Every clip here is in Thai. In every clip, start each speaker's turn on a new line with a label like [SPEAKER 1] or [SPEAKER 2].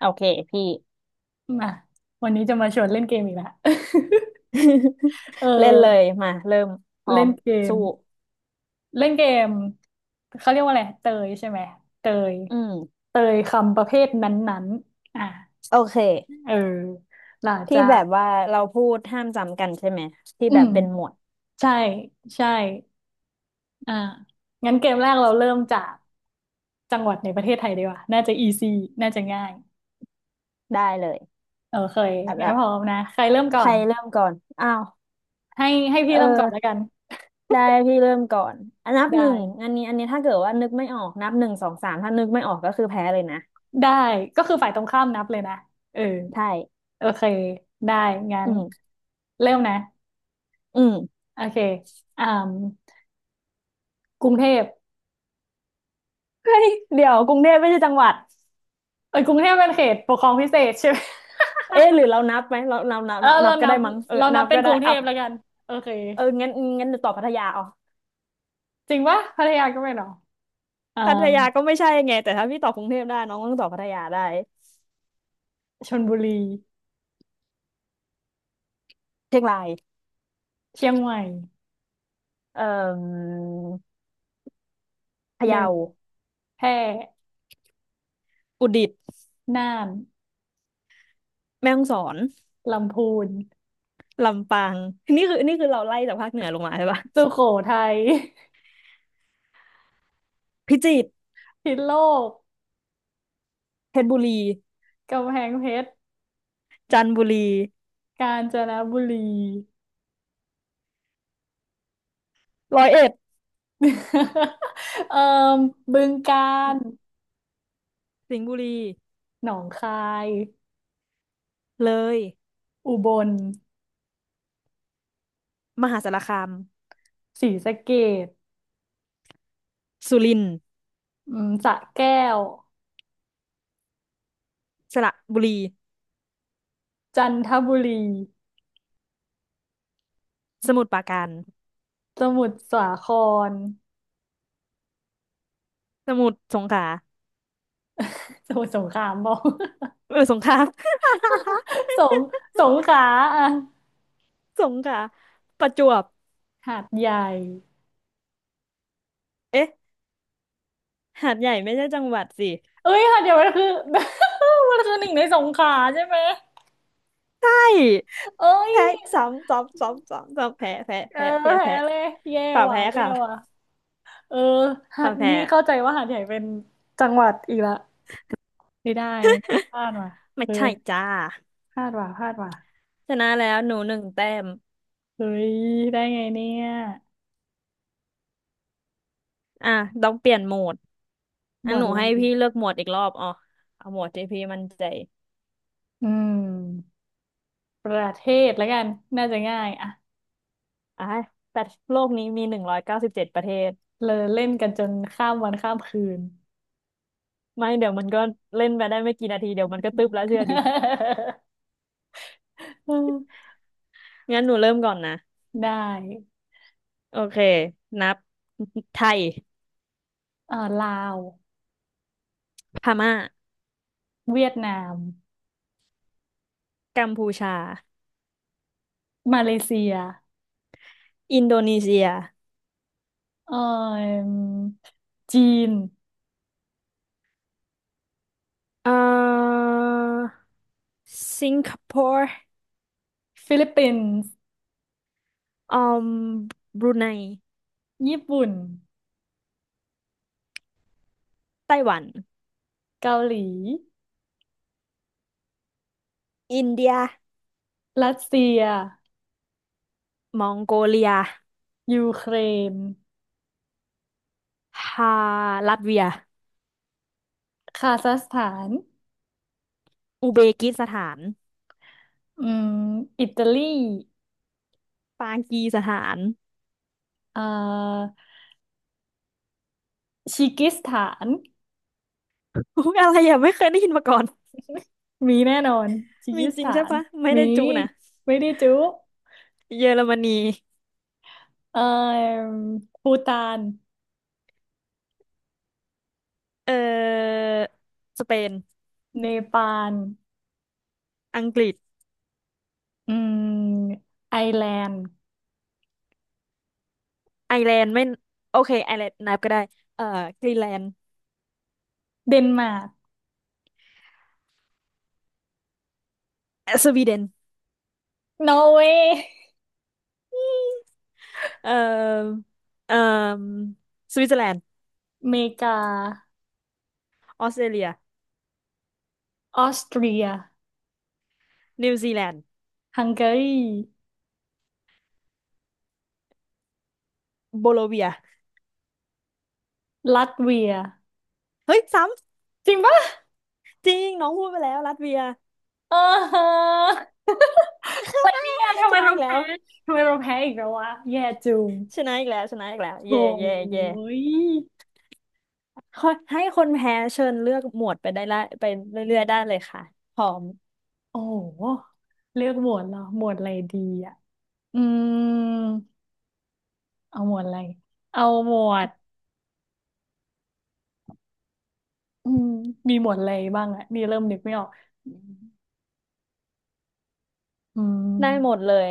[SPEAKER 1] โอเคพี่
[SPEAKER 2] มาวันนี้จะมาชวนเล่นเกมอีกแล้ว เอ
[SPEAKER 1] เล่นเลย
[SPEAKER 2] อ
[SPEAKER 1] มาเริ่มพร้อ
[SPEAKER 2] เล่
[SPEAKER 1] ม
[SPEAKER 2] นเกม
[SPEAKER 1] สู้
[SPEAKER 2] เล่นเกมเขาเรียกว่าอะไรเตยใช่ไหมเตย
[SPEAKER 1] อืม
[SPEAKER 2] เตยคำประเภทนั้นๆ
[SPEAKER 1] โอเค
[SPEAKER 2] เออหลัง
[SPEAKER 1] ที่
[SPEAKER 2] จา
[SPEAKER 1] แบ
[SPEAKER 2] ก
[SPEAKER 1] บว่าเราพูดห้ามจำกันใช่ไหมที่
[SPEAKER 2] อื
[SPEAKER 1] แบบ
[SPEAKER 2] ม
[SPEAKER 1] เป็นหมวด
[SPEAKER 2] ใช่ใช่อ่างั้นเกมแรกเราเริ่มจากจังหวัดในประเทศไทยดีกว่าน่าจะอีซีน่าจะง่าย
[SPEAKER 1] ได้เลย
[SPEAKER 2] โอเค
[SPEAKER 1] อ่ะ
[SPEAKER 2] งั้น
[SPEAKER 1] ละ
[SPEAKER 2] พร้อมนะใครเริ่มก่
[SPEAKER 1] ใค
[SPEAKER 2] อ
[SPEAKER 1] ร
[SPEAKER 2] น
[SPEAKER 1] เริ่มก่อนอ้าว
[SPEAKER 2] ให้ให้พี่
[SPEAKER 1] เออ
[SPEAKER 2] เริ่มก่อนแล้วกัน
[SPEAKER 1] ได้พี่เริ่มก่อนอันนับหนึ่ง
[SPEAKER 2] ได้
[SPEAKER 1] อันนี้ถ้าเกิดว่านึกไม่ออกนับหนึ่งสองสามถ้านึกไม่ออกก็คือแพ้เลยนะ
[SPEAKER 2] ได้ก็คือฝ่ายตรงข้ามนับเลยนะเออ
[SPEAKER 1] ใช่
[SPEAKER 2] โอเคได้งั้
[SPEAKER 1] อื
[SPEAKER 2] น
[SPEAKER 1] ม
[SPEAKER 2] เริ่มนะ
[SPEAKER 1] อืม
[SPEAKER 2] โอเคอ่ากรุงเทพ
[SPEAKER 1] เฮ้ยเดี๋ยวกรุงเทพไม่ใช่จังหวัด
[SPEAKER 2] เอ้ยกรุงเทพเป็นเขตปกครองพิเศษใช่ไหม
[SPEAKER 1] เอ๊ะหรือเรานับไหมเราเรานับ
[SPEAKER 2] เออ
[SPEAKER 1] นับนั
[SPEAKER 2] เรา
[SPEAKER 1] บก็
[SPEAKER 2] นั
[SPEAKER 1] ได้
[SPEAKER 2] บ
[SPEAKER 1] มั้งเออ
[SPEAKER 2] เรานั
[SPEAKER 1] นั
[SPEAKER 2] บ
[SPEAKER 1] บ
[SPEAKER 2] เป็
[SPEAKER 1] ก็
[SPEAKER 2] นก
[SPEAKER 1] ได้
[SPEAKER 2] รุงเท
[SPEAKER 1] อ่ะ
[SPEAKER 2] พแล้วกันโอเค
[SPEAKER 1] เอองั้นเดี๋ยวตอบพัทยาเอา
[SPEAKER 2] จริงปะพัทยาก็ไม่หรออ่า
[SPEAKER 1] พัทยาก็ไม่ใช่ไงแต่ถ้าพี่ตอบกรุงเทพได้น้องต้องตอบพัทยาได้
[SPEAKER 2] ชลบุรี
[SPEAKER 1] เชียงราย
[SPEAKER 2] เชียงใหม่
[SPEAKER 1] เอ่อพะ
[SPEAKER 2] หนึ่
[SPEAKER 1] เยา
[SPEAKER 2] งแพร่
[SPEAKER 1] อุตรดิตถ์
[SPEAKER 2] น่าน
[SPEAKER 1] แม่ฮ่องสอน
[SPEAKER 2] ลำพูน
[SPEAKER 1] ลำปางนี่คือเราไล่จากภาคเหนือลงมาใช่ปะ
[SPEAKER 2] สุโขทัย
[SPEAKER 1] พิจิตร
[SPEAKER 2] พิษณุโลก
[SPEAKER 1] เพชรบุรี
[SPEAKER 2] กำแพงเพชร
[SPEAKER 1] จันทบุรี
[SPEAKER 2] กาญจนบุรี
[SPEAKER 1] ร้อยเอ็ด
[SPEAKER 2] เอ่อบึงกาฬ
[SPEAKER 1] สิงห์บุรี
[SPEAKER 2] หนองคาย
[SPEAKER 1] เลย
[SPEAKER 2] อุบล
[SPEAKER 1] มหาสารคาม
[SPEAKER 2] ศรีสะเกษ
[SPEAKER 1] สุรินทร์
[SPEAKER 2] สระแก้ว
[SPEAKER 1] สระบุรี
[SPEAKER 2] จันทบุรี
[SPEAKER 1] สมุทรปราการ
[SPEAKER 2] สมุทรสาคร
[SPEAKER 1] สมุทรสงขลา
[SPEAKER 2] สมุทรสงครามบอก
[SPEAKER 1] เออสงขลา
[SPEAKER 2] สงสงขลาอ่ะ
[SPEAKER 1] สงขลาประจวบ
[SPEAKER 2] หาดใหญ่
[SPEAKER 1] เอ๊ะหาดใหญ่ไม่ใช่จังหวัดสิ
[SPEAKER 2] เอ้ยหาดใหญ่มันคือ มันคือหนึ่งในสงขลาใช่ไหม
[SPEAKER 1] ใช่
[SPEAKER 2] เอ้ย
[SPEAKER 1] แพ้ซ้ำซ้ำซ้ำซ้ำซ้ำแพ้แพ้
[SPEAKER 2] เออ
[SPEAKER 1] แพ้แพ้
[SPEAKER 2] แพ้
[SPEAKER 1] แพ้
[SPEAKER 2] เลยแย่
[SPEAKER 1] ฝ่า
[SPEAKER 2] ว่ะ
[SPEAKER 1] แพ้
[SPEAKER 2] แย่
[SPEAKER 1] ค่ะ
[SPEAKER 2] ว่ะเออหา
[SPEAKER 1] ฝ่า
[SPEAKER 2] ด
[SPEAKER 1] แพ้
[SPEAKER 2] นี่เข้าใจว่าหาดใหญ่เป็นจังหวัดอีกละไม่ได้นะเนี่ยพลาดว่ะ
[SPEAKER 1] ไม่
[SPEAKER 2] เฮ้
[SPEAKER 1] ใช่
[SPEAKER 2] ย
[SPEAKER 1] จ้า
[SPEAKER 2] พลาดว่ะพลาดว่ะ
[SPEAKER 1] ชนะแล้วหนูหนึ่งแต้ม
[SPEAKER 2] เฮ้ยได้ไงเนี่ย
[SPEAKER 1] อ่ะต้องเปลี่ยนโหมด
[SPEAKER 2] ห
[SPEAKER 1] อั
[SPEAKER 2] ม
[SPEAKER 1] น
[SPEAKER 2] ว
[SPEAKER 1] ห
[SPEAKER 2] ด
[SPEAKER 1] นู
[SPEAKER 2] อะไร
[SPEAKER 1] ให้
[SPEAKER 2] ดี
[SPEAKER 1] พี่เลือกโหมดอีกรอบอ๋อเอาโหมดที่พี่มั่นใจ
[SPEAKER 2] อืม ประเทศแล้วกัน น่าจะง่ายอะ
[SPEAKER 1] อ่ะแต่โลกนี้มี197ประเทศ
[SPEAKER 2] เลยเล่นกันจนข้ามวันข้ามคืน
[SPEAKER 1] ไม่เดี๋ยวมันก็เล่นไปได้ไม่กี่นาทีเดี๋ยวมันก็ตึ๊บแล้วเชื่อดิ งั้นหนูเริ่มก่อนนะ
[SPEAKER 2] ได้
[SPEAKER 1] โอเคนับ ไทย
[SPEAKER 2] ลาว
[SPEAKER 1] พม่า
[SPEAKER 2] เวียดนาม
[SPEAKER 1] กัมพูชา
[SPEAKER 2] มาเลเซีย
[SPEAKER 1] อินโดนีเซีย
[SPEAKER 2] เอ่อจีน
[SPEAKER 1] เอ่อ สิงคโปร์
[SPEAKER 2] ฟิลิปปินส์
[SPEAKER 1] อืมบรูไน
[SPEAKER 2] ญี่ปุ่น
[SPEAKER 1] ไต้หวัน
[SPEAKER 2] เกาหลี
[SPEAKER 1] อินเดีย
[SPEAKER 2] รัสเซีย
[SPEAKER 1] มองโกเลีย
[SPEAKER 2] ยูเครน
[SPEAKER 1] ฮาลัตเวีย
[SPEAKER 2] คาซัคสถาน
[SPEAKER 1] อุเบกิสถาน
[SPEAKER 2] อืมอิตาลี
[SPEAKER 1] ปากีสถาน
[SPEAKER 2] เอ่อชิกิสถาน
[SPEAKER 1] อุ๊ยอะไรอ่ะไม่เคยได้ยินมาก่อน
[SPEAKER 2] มีแน่นอนคีร์
[SPEAKER 1] มี
[SPEAKER 2] กิส
[SPEAKER 1] จริง
[SPEAKER 2] ถา
[SPEAKER 1] ใช่
[SPEAKER 2] น
[SPEAKER 1] ปะ ไม่
[SPEAKER 2] มี
[SPEAKER 1] ได้จุนะ
[SPEAKER 2] ไม่ได้จุ
[SPEAKER 1] เยอรมนี
[SPEAKER 2] เอ่อภูฏาน
[SPEAKER 1] เอ่อสเปน
[SPEAKER 2] เนปาล
[SPEAKER 1] อังกฤษ
[SPEAKER 2] อืมไอร์แลนด์
[SPEAKER 1] ไอร์แลนด์ไม่โอเคไอร์แลนด์นับก็ได้เอ่อกรีนแลนด์
[SPEAKER 2] เดนมาร์ก
[SPEAKER 1] สวีเดน
[SPEAKER 2] นอร์เวย์
[SPEAKER 1] เอ่อเอ่อสวิตเซอร์แลนด์
[SPEAKER 2] อเมริกา
[SPEAKER 1] ออสเตรเลีย
[SPEAKER 2] ออสเตรีย
[SPEAKER 1] นิวซีแลนด์
[SPEAKER 2] ฮังการี
[SPEAKER 1] โบโลเวีย
[SPEAKER 2] ลัตเวีย
[SPEAKER 1] เฮ้ยซ้
[SPEAKER 2] จริงปะ
[SPEAKER 1] ำจริงน้องพูดไปแล้วลัตเวีย
[SPEAKER 2] เออฮะอะไรเนี่ยทำ
[SPEAKER 1] ช
[SPEAKER 2] ไม
[SPEAKER 1] นะ
[SPEAKER 2] เรา
[SPEAKER 1] อีกแล้
[SPEAKER 2] แพ้
[SPEAKER 1] ว
[SPEAKER 2] ทำไมเราแพ้อีกแล้ววะ แย่จุง
[SPEAKER 1] ชนะอีกแล้วชนะอีกแล้วเย่
[SPEAKER 2] โอ้
[SPEAKER 1] เย่เย่
[SPEAKER 2] ย
[SPEAKER 1] ขอให้คนแพ้เชิญเลือกหมวดไปได้ละไปเรื่อยๆได้เลยค่ะพร้อม
[SPEAKER 2] โอ้โหเลือกหมวดเหรอ หมวดอะไรดีอะ อืมเอาหมวดอะไร เอาหมวดอืมมีหมวดอะไรบ้างอะนี่เริ่มนึกไม่ออกอื
[SPEAKER 1] ได้หมด
[SPEAKER 2] ม
[SPEAKER 1] เลย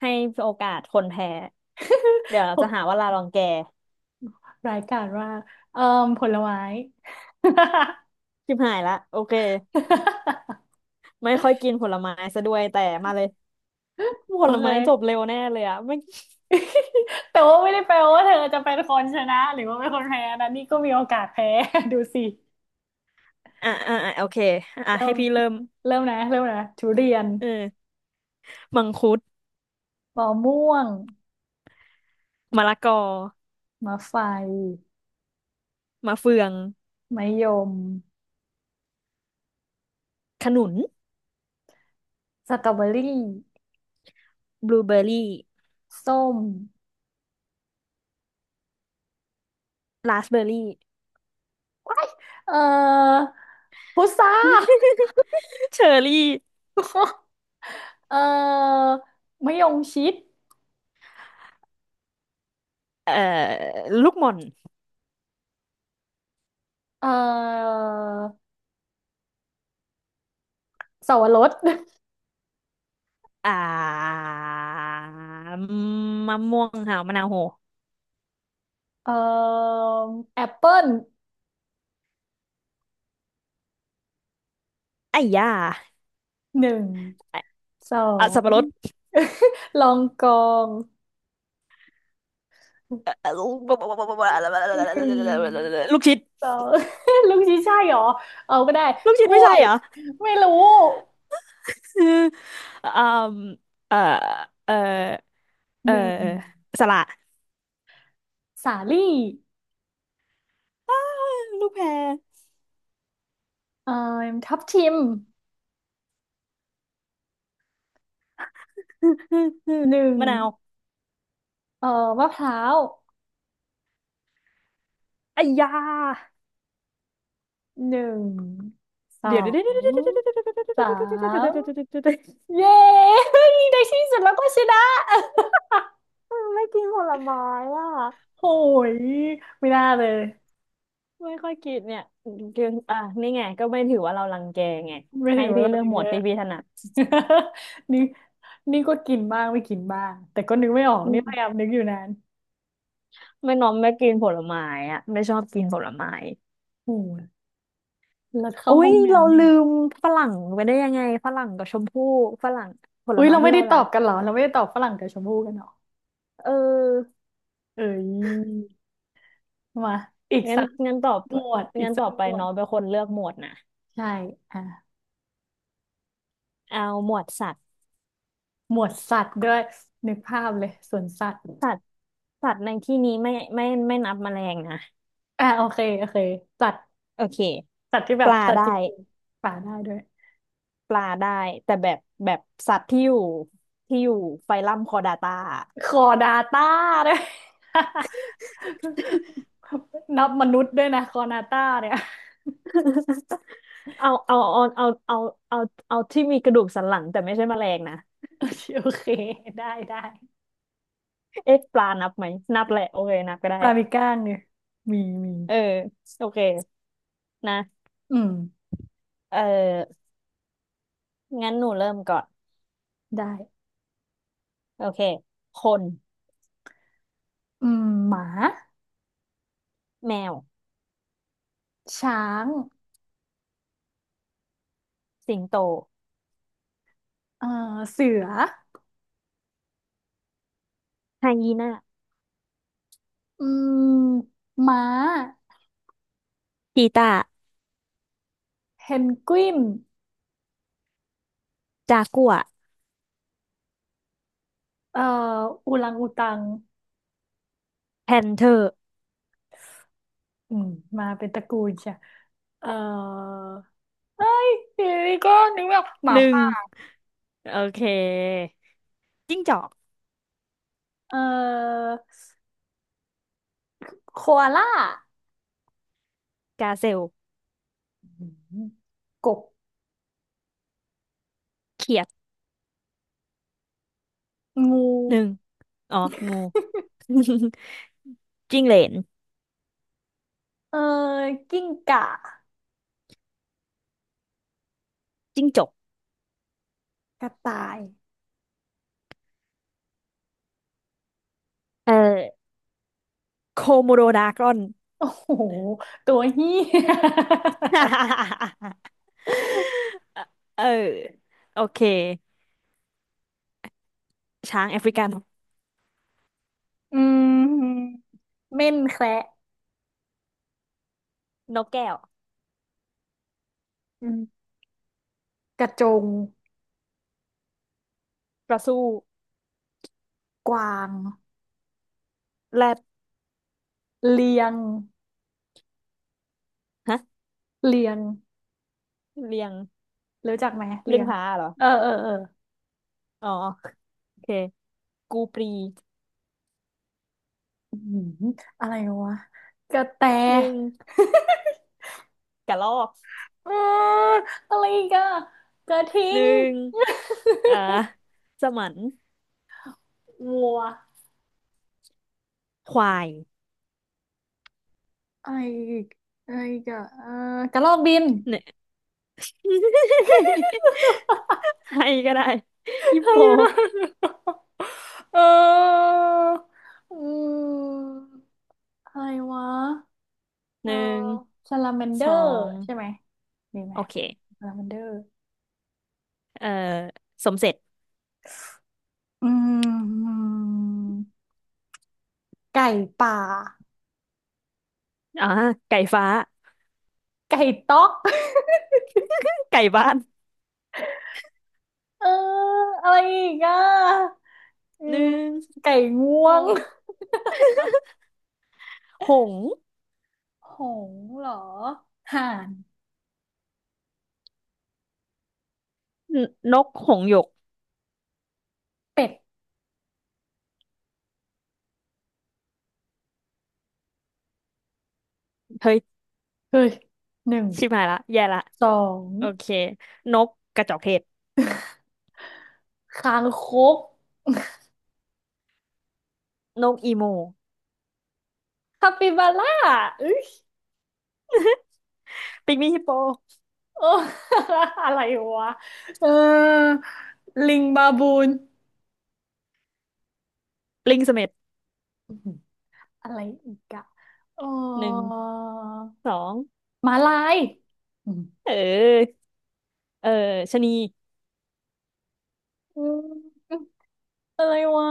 [SPEAKER 1] ให้โอกาสคนแพ้เดี๋ยวเราจะ หาว่าลาลองแก
[SPEAKER 2] รายการว่ากเอ่อผลไม้
[SPEAKER 1] ชิบหายละโอเค ไม่ค่อยกินผลไม้ซะด้วยแต่มาเลย
[SPEAKER 2] โอ
[SPEAKER 1] ผล
[SPEAKER 2] เค
[SPEAKER 1] ไม้จบเร็วแน่เลยอะไม่
[SPEAKER 2] แต่ว่าไม่ได้แปลว่าเธอจะเป็นคนชนะหรือว่าเป็นคนแพ้นะนี่ก็มีโอกาสแพ้ ดูสิ
[SPEAKER 1] อ่ะอ่ะอ่ะโอเคอ่ะ
[SPEAKER 2] เริ่
[SPEAKER 1] ให้
[SPEAKER 2] ม
[SPEAKER 1] พี่เริ่ม
[SPEAKER 2] เริ่มนะ เริ่มนะทุเรียน
[SPEAKER 1] เออมังคุด
[SPEAKER 2] มะม่วง
[SPEAKER 1] มะละกอ
[SPEAKER 2] มะไฟ
[SPEAKER 1] มะเฟือง
[SPEAKER 2] มะยม
[SPEAKER 1] ขนุน
[SPEAKER 2] สตรอเบอรี่
[SPEAKER 1] บลูเบอร์รี่
[SPEAKER 2] ส้ม
[SPEAKER 1] ราสเบอร์รี่
[SPEAKER 2] เอ่อพุทรา
[SPEAKER 1] เชอร์รี่
[SPEAKER 2] เอ่อมะยงชิด
[SPEAKER 1] เอ่อลูกหม่อน
[SPEAKER 2] เอ่อเสาวบรส
[SPEAKER 1] อ่ามะม่วงค่ะมะนาวโห
[SPEAKER 2] เอ่อแอปเปิ้ล
[SPEAKER 1] ไอ้ย่า
[SPEAKER 2] หนึ่งสอ
[SPEAKER 1] อ่ะสับ
[SPEAKER 2] ง
[SPEAKER 1] ปะรด
[SPEAKER 2] ลองกองหนึ่ง
[SPEAKER 1] ลูกชิด
[SPEAKER 2] สอง ลูกชิ้นใช่เหรอเอาก็ได้
[SPEAKER 1] ลูก
[SPEAKER 2] ก
[SPEAKER 1] ชิด
[SPEAKER 2] ล้
[SPEAKER 1] ไม่
[SPEAKER 2] ว
[SPEAKER 1] ใช่
[SPEAKER 2] ย
[SPEAKER 1] เหรอ
[SPEAKER 2] ไม่รู้
[SPEAKER 1] คือ อืมเอ่อเอ่อเอ่
[SPEAKER 2] ห
[SPEAKER 1] อ
[SPEAKER 2] นึ่ง
[SPEAKER 1] สละ
[SPEAKER 2] สาลี่
[SPEAKER 1] อ้าลูกแพร
[SPEAKER 2] เอ่อทับทิม หนึ่ง
[SPEAKER 1] มะนาว
[SPEAKER 2] เอ่อมะพร้าว
[SPEAKER 1] ไอ้ยา
[SPEAKER 2] หนึ่งสอ
[SPEAKER 1] เดี๋ยวเดี๋ยวเด
[SPEAKER 2] ง
[SPEAKER 1] ี๋
[SPEAKER 2] สาม
[SPEAKER 1] ยว
[SPEAKER 2] เย้ ในที่สุดเราก็ชนะ
[SPEAKER 1] เออไม่กินผลไม้อ่ะ
[SPEAKER 2] โอ้ยไม่น่าเลย
[SPEAKER 1] ไม่ค่อยกินเนี่ยกินอ่ะนี่ไงก็ไม่ถือว่าเรารังแกไง
[SPEAKER 2] ไม่
[SPEAKER 1] ให้
[SPEAKER 2] ถึงเว
[SPEAKER 1] พี่
[SPEAKER 2] ลา
[SPEAKER 1] เลือ
[SPEAKER 2] อ
[SPEAKER 1] ก
[SPEAKER 2] ย่า
[SPEAKER 1] ห
[SPEAKER 2] ง
[SPEAKER 1] มว
[SPEAKER 2] เงี้
[SPEAKER 1] ด
[SPEAKER 2] ย
[SPEAKER 1] ที่พี่ถนัด
[SPEAKER 2] นี่นี่ก็กินบ้างไม่กินบ้างแต่ก็นึกไม่ออก
[SPEAKER 1] อื
[SPEAKER 2] นี่พยา
[SPEAKER 1] ม
[SPEAKER 2] ยามนึกอยู่นาน
[SPEAKER 1] ไม่น้อมไม่กินผลไม้อ่ะไม่ชอบกินผลไม้
[SPEAKER 2] โอ้ยแล้วเข้า
[SPEAKER 1] อุ้
[SPEAKER 2] ห้อ
[SPEAKER 1] ย
[SPEAKER 2] ง
[SPEAKER 1] เรา
[SPEAKER 2] น้ำนี่
[SPEAKER 1] ลืมฝรั่งไปได้ยังไงฝรั่งกับชมพู่ฝรั่งผล
[SPEAKER 2] อุ้ย
[SPEAKER 1] ไม้
[SPEAKER 2] เรา
[SPEAKER 1] ที่
[SPEAKER 2] ไม่ได้
[SPEAKER 1] เรา
[SPEAKER 2] ตอ
[SPEAKER 1] รั
[SPEAKER 2] บ
[SPEAKER 1] ก
[SPEAKER 2] กันเหรอเราไม่ได้ตอบฝรั่งกับชมพู่กันเหรอ
[SPEAKER 1] เออ
[SPEAKER 2] เอ้ยมาอีก
[SPEAKER 1] งั้น
[SPEAKER 2] สัก
[SPEAKER 1] งั้นตอบ
[SPEAKER 2] หมวดอีก
[SPEAKER 1] งั้น
[SPEAKER 2] สั
[SPEAKER 1] ต่
[SPEAKER 2] ก
[SPEAKER 1] อไป
[SPEAKER 2] หมวด
[SPEAKER 1] น้องเป็นคนเลือกหมวดนะ
[SPEAKER 2] ใช่อ่ะ
[SPEAKER 1] เอาหมวดสัตว์
[SPEAKER 2] หมวดสัตว์ด้วยนึกภาพเลยสวนสัตว์
[SPEAKER 1] สัตว์สัตว์ในที่นี้ไม่ไม่ไม่นับแมลงนะ
[SPEAKER 2] โอเคโอเคสัตว์
[SPEAKER 1] โอเค
[SPEAKER 2] สัตว์ที่แบ
[SPEAKER 1] ป
[SPEAKER 2] บ
[SPEAKER 1] ลา
[SPEAKER 2] สัตว์จ
[SPEAKER 1] ได้
[SPEAKER 2] ริงๆป่าได้ด้วย
[SPEAKER 1] ปลาได้แต่แบบสัตว์ที่อยู่ไฟลัมคอร์ดาตา
[SPEAKER 2] คอนาต้าด้วย นับมนุษย์ด้วยนะคอนาต้าเนี่ย
[SPEAKER 1] เอาเอาเอาเอาเอาเอาเอาที่มีกระดูกสันหลังแต่ไม่ใช่แมลงนะ
[SPEAKER 2] โอเคโอเคได้ได้
[SPEAKER 1] เอ๊ะปลานับไหมนับแหละโอเคนับก็ได้
[SPEAKER 2] ปลามีก้างเนี่ยมีมี
[SPEAKER 1] เออโอเคนะ
[SPEAKER 2] อืม
[SPEAKER 1] เอองั้นหนูเริ่มก่อน
[SPEAKER 2] ได้
[SPEAKER 1] โอเคคน
[SPEAKER 2] อืมหมา
[SPEAKER 1] แมว
[SPEAKER 2] ช้าง
[SPEAKER 1] สิงโต
[SPEAKER 2] เอ่อเสือ
[SPEAKER 1] ไฮยีน่า
[SPEAKER 2] อืมม้า
[SPEAKER 1] ชีตา
[SPEAKER 2] เพนกวิน
[SPEAKER 1] จากัวร์
[SPEAKER 2] เอ่ออูรังอูตัง
[SPEAKER 1] แพนเธอร์
[SPEAKER 2] อืมมาเป็นตระกูลใช่เอ่อ เอ้ยทีนี้ก็นึกไม่ออกหมา
[SPEAKER 1] หนึ่ง
[SPEAKER 2] ป่า
[SPEAKER 1] โอเคจิ้งจอก
[SPEAKER 2] เอ่อโคอาล่า
[SPEAKER 1] กาเซล
[SPEAKER 2] อืมกบ
[SPEAKER 1] เขียด
[SPEAKER 2] งู
[SPEAKER 1] หนึ่ง อ๋อ งู จิ้งเหลน
[SPEAKER 2] เอ่อกิ้งก่า
[SPEAKER 1] จิ้งจก
[SPEAKER 2] กระต่าย
[SPEAKER 1] เออโคโมโดดากรอน
[SPEAKER 2] โอ้โห ตัวเหี้ย
[SPEAKER 1] เออ โอเค ช้างแอฟริกัน
[SPEAKER 2] อืมเม่นแคระ
[SPEAKER 1] นกแก้ว
[SPEAKER 2] อืมกระจง
[SPEAKER 1] กระสู้
[SPEAKER 2] กวาง
[SPEAKER 1] แรด
[SPEAKER 2] เลียง
[SPEAKER 1] ฮะ
[SPEAKER 2] เลียง
[SPEAKER 1] เรียง
[SPEAKER 2] รู้จักไหม เลี
[SPEAKER 1] เรีย
[SPEAKER 2] ย
[SPEAKER 1] ง
[SPEAKER 2] ง
[SPEAKER 1] ผาเหรอ
[SPEAKER 2] เออ เออ เออ
[SPEAKER 1] อ๋อ โอเค กูปรี
[SPEAKER 2] อืมอะไรวะกระแต
[SPEAKER 1] หนึ่งกระรอก
[SPEAKER 2] เอออะไรอีกอะกระทิ
[SPEAKER 1] ห
[SPEAKER 2] ง
[SPEAKER 1] นึ่งเอ่อสมัน
[SPEAKER 2] วัว
[SPEAKER 1] ควาย
[SPEAKER 2] อะไรอีกอะไรอีกอะเออกระรอกบิน
[SPEAKER 1] เนี่ย ให้ก็ได้ฮิ
[SPEAKER 2] ใค
[SPEAKER 1] ป
[SPEAKER 2] ร
[SPEAKER 1] โป
[SPEAKER 2] ได้เอออืมอะไรวะเอ
[SPEAKER 1] ห
[SPEAKER 2] อ
[SPEAKER 1] นึ่ง
[SPEAKER 2] ซาลาแมนเดอ
[SPEAKER 1] สอ
[SPEAKER 2] ร์
[SPEAKER 1] ง
[SPEAKER 2] ใช่ไหมดีไหม
[SPEAKER 1] โอเค
[SPEAKER 2] ซาลาแมนเดอร์
[SPEAKER 1] เอ่อสมเสร็จ
[SPEAKER 2] อืมไก่ป่า
[SPEAKER 1] อ่าไก่ฟ้า
[SPEAKER 2] ไก่ต๊อก
[SPEAKER 1] ไก่บ้าน
[SPEAKER 2] เอออะไรอีกอ่ะอื
[SPEAKER 1] หนึ่
[SPEAKER 2] ม
[SPEAKER 1] ง
[SPEAKER 2] ไก่ง
[SPEAKER 1] ส
[SPEAKER 2] ว
[SPEAKER 1] อ
[SPEAKER 2] ง
[SPEAKER 1] งหงส์
[SPEAKER 2] หงส์เหรอห่าน
[SPEAKER 1] นนกหงส์หยก
[SPEAKER 2] เป็ด
[SPEAKER 1] เฮ้ย
[SPEAKER 2] เฮ้ยหนึ่ง
[SPEAKER 1] ชิบหายละแย่ละ
[SPEAKER 2] สอง
[SPEAKER 1] โอเค นกกระจอกเทศ
[SPEAKER 2] คางคก
[SPEAKER 1] นกอีโม
[SPEAKER 2] คาปิบาร่าเอ้ย
[SPEAKER 1] ปิงมี่ฮิปโป
[SPEAKER 2] โอ้ อะไรวะเออลิงบาบูน
[SPEAKER 1] ลิงเสม็ด
[SPEAKER 2] อื้อหืออะไรอีกอะเอ
[SPEAKER 1] หนึ่ง
[SPEAKER 2] อ
[SPEAKER 1] สอง
[SPEAKER 2] หมาลายอืม
[SPEAKER 1] เออ เออชะนี
[SPEAKER 2] อืมอะไรวะ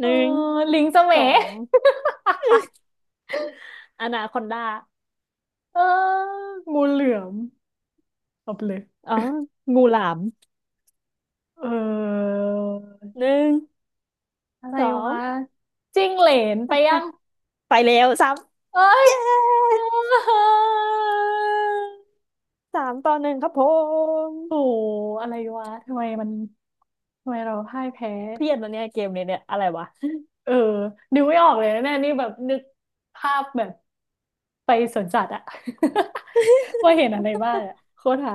[SPEAKER 2] เอ
[SPEAKER 1] ห
[SPEAKER 2] อ
[SPEAKER 1] นึ่ง
[SPEAKER 2] ลิงสม
[SPEAKER 1] ส
[SPEAKER 2] ย
[SPEAKER 1] องอนาคอนดา
[SPEAKER 2] เอองูเหลือมเอาไปเลย
[SPEAKER 1] อ๋อ งูหลาม
[SPEAKER 2] เออ
[SPEAKER 1] หนึ่ง
[SPEAKER 2] อะไร
[SPEAKER 1] สอง
[SPEAKER 2] วะจิ้งเหลนไป
[SPEAKER 1] อ่
[SPEAKER 2] ยั
[SPEAKER 1] ะ
[SPEAKER 2] ง
[SPEAKER 1] ไปแล้วสาม
[SPEAKER 2] เอ้ย
[SPEAKER 1] เย้ 3-1ครับผม
[SPEAKER 2] โอ้โห อะไรวะทำไมมันทำไมเราพ่ายแพ้
[SPEAKER 1] เครียดวันเนี้ยเกมเนี้ยเนี่ยอะไรวะ
[SPEAKER 2] เออนึกไม่ออกเลยนะเนี่ยนี่แบบนึกภาพแบบไปสวนสัตว์อะ ว่าเห็นอะไรบ้างอะโคตรหา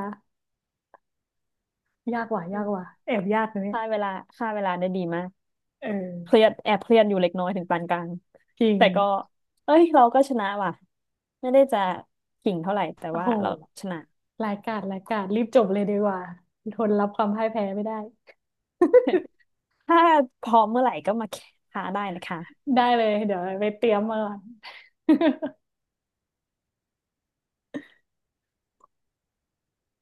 [SPEAKER 2] ยากว่ะยากว่ะแอบยากนะเนี่ย
[SPEAKER 1] ค่าเวลาค่าเวลาได้ดีมาก
[SPEAKER 2] เออ
[SPEAKER 1] เครียดแอบเครียดอยู่เล็กน้อยถึงปานกลาง
[SPEAKER 2] จริง
[SPEAKER 1] แต่ก็เอ้ยเราก็ชนะว่ะไม่ได้จะขิงเท่าไหร่แต่
[SPEAKER 2] โอ้
[SPEAKER 1] ว่า
[SPEAKER 2] โห
[SPEAKER 1] เราชนะ
[SPEAKER 2] รายการรายการรีบจบเลยดีกว่าทนรับความพ่ายแพ้ไม่ได้
[SPEAKER 1] ถ้าพร้อมเมื่อไหร่ก็มาท้าได้นะคะ
[SPEAKER 2] ได้เลยเดี๋ยวไปเตรียมมาก่อน